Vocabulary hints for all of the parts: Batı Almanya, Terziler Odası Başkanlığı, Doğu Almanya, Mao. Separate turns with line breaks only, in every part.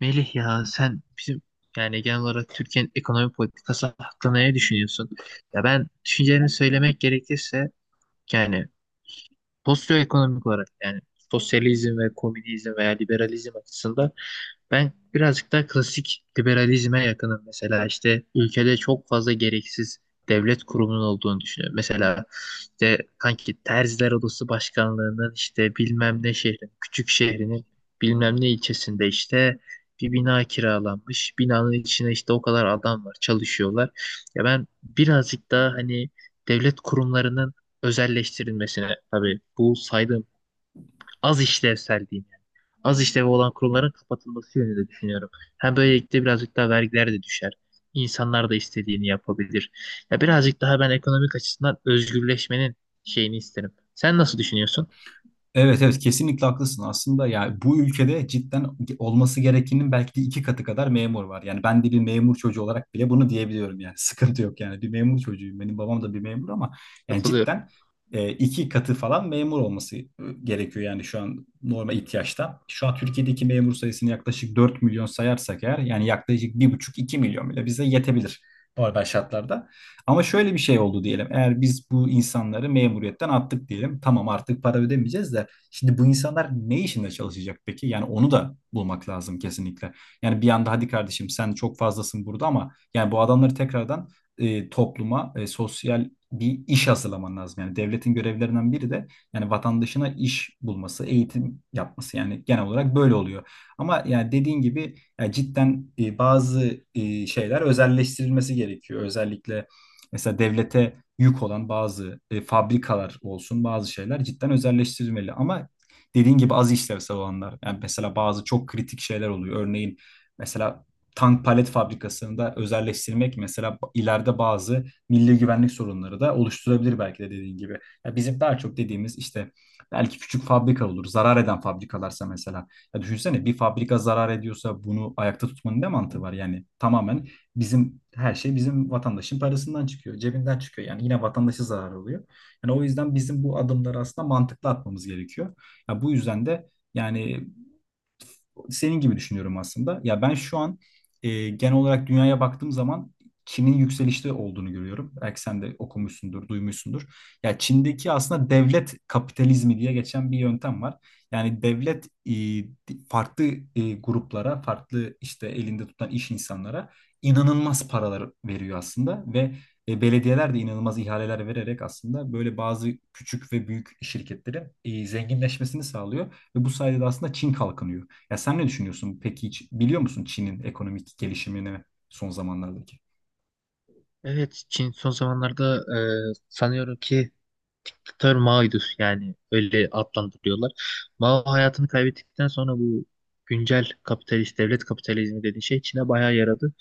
Melih, ya sen bizim genel olarak Türkiye'nin ekonomi politikası hakkında ne düşünüyorsun? Ya ben düşüncelerimi söylemek gerekirse yani sosyoekonomik olarak, yani sosyalizm ve komünizm veya liberalizm açısından ben birazcık daha klasik liberalizme yakınım. Mesela işte ülkede çok fazla gereksiz devlet kurumunun olduğunu düşünüyorum. Mesela işte kanki Terziler Odası Başkanlığı'nın işte bilmem ne şehrin, küçük şehrinin bilmem ne ilçesinde işte bir bina kiralanmış. Binanın içine işte o kadar adam var, çalışıyorlar. Ya ben birazcık daha hani devlet kurumlarının özelleştirilmesine, tabii bu saydığım az işlevsel diyeyim, az işlevi olan kurumların kapatılması yönünde düşünüyorum. Hem böylelikle birazcık daha vergiler de düşer. İnsanlar da istediğini yapabilir. Ya birazcık daha ben ekonomik açısından özgürleşmenin şeyini isterim. Sen nasıl düşünüyorsun?
Evet evet, kesinlikle haklısın. Aslında yani bu ülkede cidden olması gerekenin belki de iki katı kadar memur var. Yani ben de bir memur çocuğu olarak bile bunu diyebiliyorum yani. Sıkıntı yok yani. Bir memur çocuğuyum. Benim babam da bir memur ama yani
Katılıyorum.
cidden iki katı falan memur olması gerekiyor yani şu an normal ihtiyaçta. Şu an Türkiye'deki memur sayısını yaklaşık 4 milyon sayarsak eğer yani yaklaşık bir buçuk iki milyon bile bize yetebilir normal şartlarda. Ama şöyle bir şey oldu diyelim. Eğer biz bu insanları memuriyetten attık diyelim. Tamam, artık para ödemeyeceğiz de şimdi bu insanlar ne işinde çalışacak peki? Yani onu da bulmak lazım kesinlikle. Yani bir anda hadi kardeşim sen çok fazlasın burada ama yani bu adamları tekrardan topluma, sosyal bir iş hazırlaman lazım. Yani devletin görevlerinden biri de yani vatandaşına iş bulması, eğitim yapması. Yani genel olarak böyle oluyor. Ama yani dediğin gibi yani cidden bazı şeyler özelleştirilmesi gerekiyor. Özellikle mesela devlete yük olan bazı fabrikalar olsun, bazı şeyler cidden özelleştirilmeli. Ama dediğin gibi az işlevsel olanlar, yani mesela bazı çok kritik şeyler oluyor. Örneğin mesela tank palet fabrikasında özelleştirmek mesela ileride bazı milli güvenlik sorunları da oluşturabilir belki de dediğin gibi. Ya bizim daha çok dediğimiz işte belki küçük fabrika olur, zarar eden fabrikalarsa mesela. Ya düşünsene, bir fabrika zarar ediyorsa bunu ayakta tutmanın ne mantığı var? Yani tamamen. Bizim her şey bizim vatandaşın parasından çıkıyor, cebinden çıkıyor. Yani yine vatandaşı zarar oluyor. Yani o yüzden bizim bu adımları aslında mantıklı atmamız gerekiyor. Ya bu yüzden de yani senin gibi düşünüyorum aslında. Ya ben şu an genel olarak dünyaya baktığım zaman Çin'in yükselişte olduğunu görüyorum. Belki sen de okumuşsundur, duymuşsundur. Ya Çin'deki aslında devlet kapitalizmi diye geçen bir yöntem var. Yani devlet farklı gruplara, farklı işte elinde tutan iş insanlara inanılmaz paralar veriyor aslında ve belediyeler de inanılmaz ihaleler vererek aslında böyle bazı küçük ve büyük şirketlerin zenginleşmesini sağlıyor ve bu sayede de aslında Çin kalkınıyor. Ya sen ne düşünüyorsun? Peki hiç biliyor musun Çin'in ekonomik gelişimini son zamanlardaki?
Evet, Çin son zamanlarda sanıyorum ki diktatör Mao'ydu, yani öyle adlandırıyorlar. Mao hayatını kaybettikten sonra bu güncel kapitalist devlet kapitalizmi dediği şey Çin'e bayağı yaradı.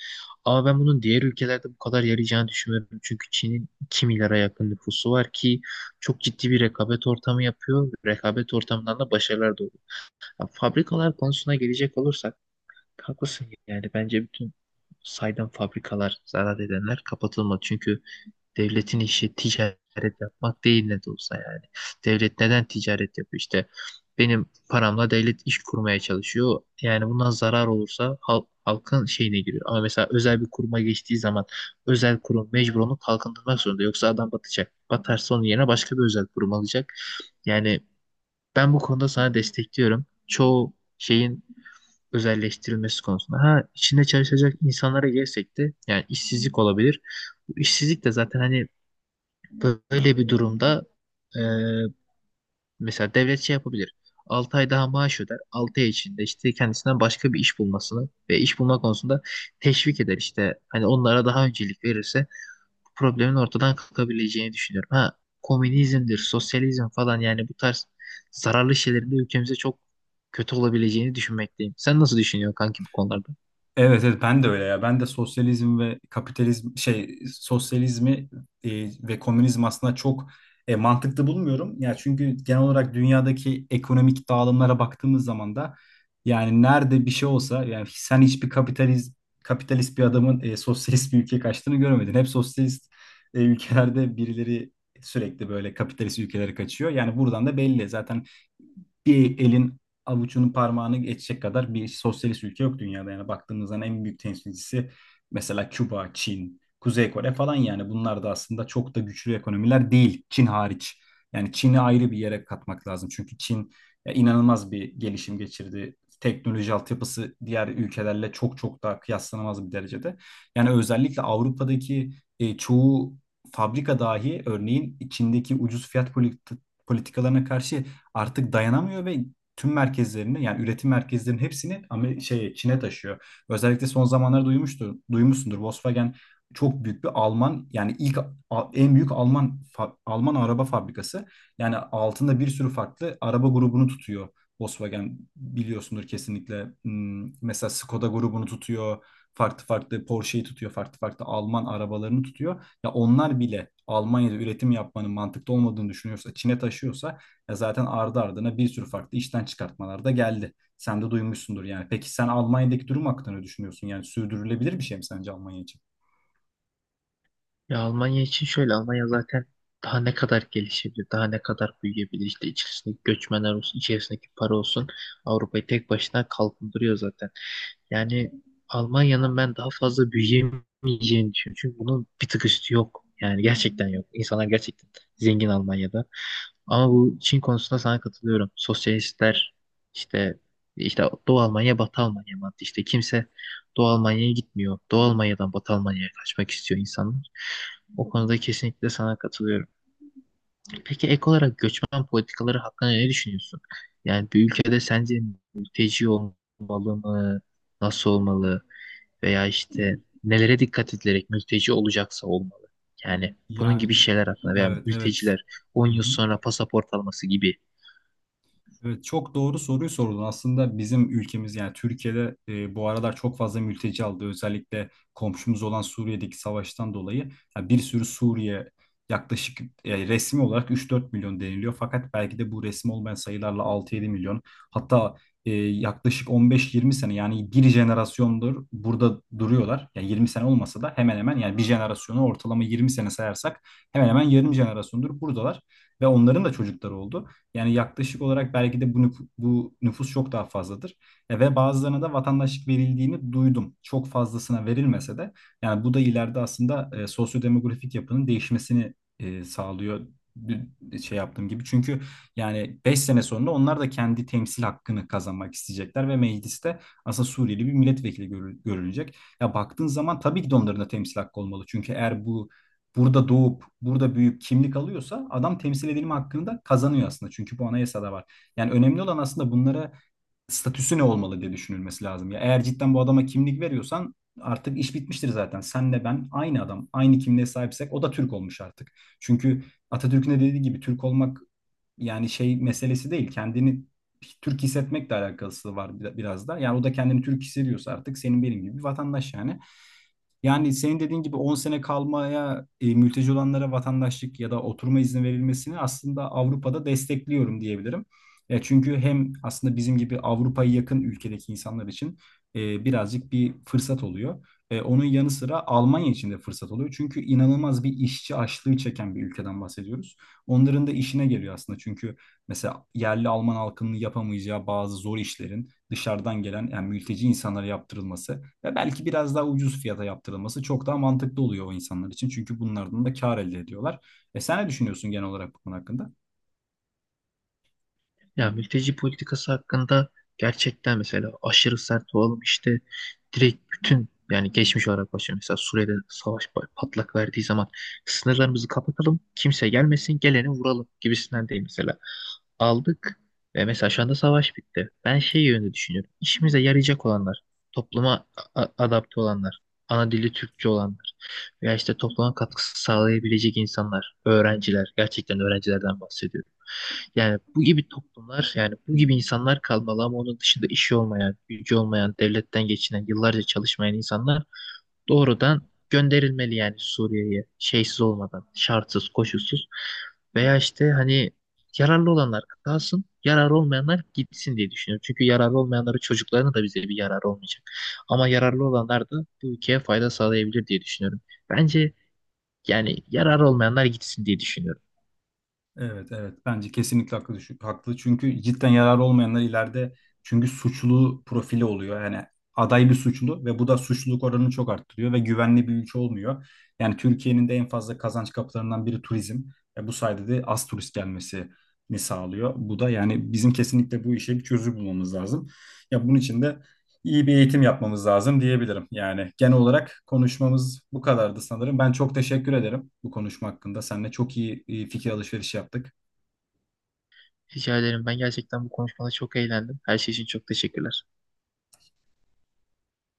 Ama ben bunun diğer ülkelerde bu kadar yarayacağını düşünmüyorum. Çünkü Çin'in 2 milyara yakın nüfusu var ki çok ciddi bir rekabet ortamı yapıyor. Rekabet ortamından da başarılar doğuyor. Ya fabrikalar konusuna gelecek olursak, haklısın, yani bence bütün saydam fabrikalar, zarar edenler kapatılmalı. Çünkü devletin işi ticaret yapmak değil ne de olsa yani. Devlet neden ticaret yapıyor işte? Benim paramla devlet iş kurmaya çalışıyor. Yani bundan zarar olursa halk, halkın şeyine giriyor. Ama mesela özel bir kuruma geçtiği zaman özel kurum mecbur onu kalkındırmak zorunda. Yoksa adam batacak. Batarsa onun yerine başka bir özel kurum alacak. Yani ben bu konuda sana destekliyorum. Çoğu şeyin özelleştirilmesi konusunda. Ha içinde çalışacak insanlara gelsek de, yani işsizlik olabilir. Bu işsizlik de zaten hani böyle bir durumda e, mesela devlet şey yapabilir. 6 ay daha maaş öder. 6 ay içinde işte kendisinden başka bir iş bulmasını ve iş bulma konusunda teşvik eder işte. Hani onlara daha öncelik verirse bu problemin ortadan kalkabileceğini düşünüyorum. Ha komünizmdir, sosyalizm falan, yani bu tarz zararlı şeylerin de ülkemize çok kötü olabileceğini düşünmekteyim. Sen nasıl düşünüyorsun kanki bu konularda?
Evet, evet ben de öyle ya. Ben de sosyalizm ve kapitalizm şey sosyalizmi ve komünizm aslında çok mantıklı bulmuyorum. Ya çünkü genel olarak dünyadaki ekonomik dağılımlara baktığımız zaman da yani nerede bir şey olsa yani sen hiçbir kapitalist bir adamın sosyalist bir ülkeye kaçtığını görmedin. Hep sosyalist ülkelerde birileri sürekli böyle kapitalist ülkelere kaçıyor. Yani buradan da belli. Zaten bir elin avucunun parmağını geçecek kadar bir sosyalist ülke yok dünyada. Yani baktığımızda en büyük temsilcisi mesela Küba, Çin, Kuzey Kore falan, yani bunlar da aslında çok da güçlü ekonomiler değil, Çin hariç. Yani Çin'i ayrı bir yere katmak lazım. Çünkü Çin ya, inanılmaz bir gelişim geçirdi. Teknoloji altyapısı diğer ülkelerle çok çok daha kıyaslanamaz bir derecede. Yani özellikle Avrupa'daki çoğu fabrika dahi örneğin Çin'deki ucuz fiyat politikalarına karşı artık dayanamıyor ve tüm merkezlerini yani üretim merkezlerinin hepsini ama şey Çin'e taşıyor. Özellikle son zamanlarda duymuştur, duymuşsundur. Volkswagen çok büyük bir Alman yani en büyük Alman Alman araba fabrikası. Yani altında bir sürü farklı araba grubunu tutuyor. Volkswagen biliyorsundur kesinlikle. Mesela Skoda grubunu tutuyor. Farklı farklı Porsche'yi tutuyor. Farklı farklı Alman arabalarını tutuyor. Ya onlar bile Almanya'da üretim yapmanın mantıklı olmadığını düşünüyorsa, Çin'e taşıyorsa, e zaten ardı ardına bir sürü farklı işten çıkartmalar da geldi. Sen de duymuşsundur yani. Peki sen Almanya'daki durum hakkında ne düşünüyorsun? Yani sürdürülebilir bir şey mi sence Almanya için?
Ya Almanya için şöyle, Almanya zaten daha ne kadar gelişebilir, daha ne kadar büyüyebilir, işte içerisindeki göçmenler olsun, içerisindeki para olsun, Avrupa'yı tek başına kalkındırıyor zaten. Yani Almanya'nın ben daha fazla büyüyemeyeceğini düşünüyorum. Çünkü bunun bir tık üstü yok. Yani gerçekten yok. İnsanlar gerçekten zengin Almanya'da. Ama bu Çin konusunda sana katılıyorum. Sosyalistler işte, Doğu Almanya, Batı Almanya mantığı. İşte kimse Doğu Almanya'ya gitmiyor. Doğu Almanya'dan Batı Almanya'ya kaçmak istiyor insanlar. O konuda kesinlikle sana katılıyorum. Peki ek olarak göçmen politikaları hakkında ne düşünüyorsun? Yani bir ülkede sence mülteci olmalı mı? Nasıl olmalı? Veya işte nelere dikkat edilerek mülteci olacaksa olmalı? Yani bunun gibi
Yani
şeyler hakkında, veya
evet, evet.
mülteciler 10
Hı
yıl
hı.
sonra pasaport alması gibi.
Evet, çok doğru soruyu sordun. Aslında bizim ülkemiz yani Türkiye'de bu aralar çok fazla mülteci aldı. Özellikle komşumuz olan Suriye'deki savaştan dolayı. Ya bir sürü Suriye, yaklaşık resmi olarak 3-4 milyon deniliyor. Fakat belki de bu resmi olmayan sayılarla 6-7 milyon. Hatta yaklaşık 15-20 sene yani bir jenerasyondur burada duruyorlar. Yani 20 sene olmasa da hemen hemen, yani bir jenerasyonu ortalama 20 sene sayarsak, hemen hemen yarım jenerasyondur buradalar ve onların da çocukları oldu. Yani yaklaşık olarak belki de bu, bu nüfus çok daha fazladır. Ve bazılarına da vatandaşlık verildiğini duydum. Çok fazlasına verilmese de yani bu da ileride aslında sosyodemografik yapının değişmesini sağlıyor şey yaptığım gibi. Çünkü yani 5 sene sonra onlar da kendi temsil hakkını kazanmak isteyecekler ve mecliste aslında Suriyeli bir milletvekili görülecek. Ya baktığın zaman tabii ki de onların da temsil hakkı olmalı. Çünkü eğer bu burada doğup burada büyüyüp kimlik alıyorsa adam temsil edilme hakkını da kazanıyor aslında. Çünkü bu anayasada var. Yani önemli olan aslında bunlara statüsü ne olmalı diye düşünülmesi lazım. Ya eğer cidden bu adama kimlik veriyorsan artık iş bitmiştir zaten. Senle ben aynı adam, aynı kimliğe sahipsek o da Türk olmuş artık. Çünkü Atatürk'ün de dediği gibi Türk olmak yani şey meselesi değil. Kendini Türk hissetmekle alakası var biraz da. Yani o da kendini Türk hissediyorsa artık senin benim gibi bir vatandaş yani. Yani senin dediğin gibi 10 sene kalmaya mülteci olanlara vatandaşlık ya da oturma izni verilmesini aslında Avrupa'da destekliyorum diyebilirim. Çünkü hem aslında bizim gibi Avrupa'ya yakın ülkedeki insanlar için birazcık bir fırsat oluyor. Onun yanı sıra Almanya için de fırsat oluyor. Çünkü inanılmaz bir işçi açlığı çeken bir ülkeden bahsediyoruz. Onların da işine geliyor aslında. Çünkü mesela yerli Alman halkının yapamayacağı bazı zor işlerin dışarıdan gelen yani mülteci insanlara yaptırılması ve belki biraz daha ucuz fiyata yaptırılması çok daha mantıklı oluyor o insanlar için. Çünkü bunlardan da kâr elde ediyorlar. Sen ne düşünüyorsun genel olarak bu konu hakkında?
Ya mülteci politikası hakkında gerçekten, mesela aşırı sert olalım işte, direkt bütün, yani geçmiş olarak başlıyor. Mesela Suriye'de savaş patlak verdiği zaman sınırlarımızı kapatalım, kimse gelmesin, geleni vuralım gibisinden değil mesela. Aldık ve mesela şu anda savaş bitti. Ben şey yönünde düşünüyorum. İşimize yarayacak olanlar, topluma adapte olanlar, ana dili Türkçe olanlar veya işte topluma katkısı sağlayabilecek insanlar, öğrenciler, gerçekten öğrencilerden bahsediyorum. Yani bu gibi toplumlar, yani bu gibi insanlar kalmalı, ama onun dışında işi olmayan, gücü olmayan, devletten geçinen, yıllarca çalışmayan insanlar doğrudan gönderilmeli, yani Suriye'ye şeysiz olmadan, şartsız, koşulsuz. Veya işte hani yararlı olanlar kalsın, yararlı olmayanlar gitsin diye düşünüyorum. Çünkü yararlı olmayanları çocuklarına da bize bir yarar olmayacak. Ama yararlı olanlar da bu ülkeye fayda sağlayabilir diye düşünüyorum. Bence yani yararlı olmayanlar gitsin diye düşünüyorum.
Evet, evet. Bence kesinlikle haklı, haklı. Çünkü cidden yararı olmayanlar ileride, çünkü suçlu profili oluyor. Yani aday bir suçlu ve bu da suçluluk oranını çok arttırıyor ve güvenli bir ülke olmuyor. Yani Türkiye'nin de en fazla kazanç kapılarından biri turizm. Bu sayede de az turist gelmesini sağlıyor. Bu da yani bizim kesinlikle bu işe bir çözüm bulmamız lazım. Ya bunun için de iyi bir eğitim yapmamız lazım diyebilirim. Yani genel olarak konuşmamız bu kadardı sanırım. Ben çok teşekkür ederim bu konuşma hakkında. Seninle çok iyi fikir alışverişi yaptık.
Rica ederim. Ben gerçekten bu konuşmada çok eğlendim. Her şey için çok teşekkürler.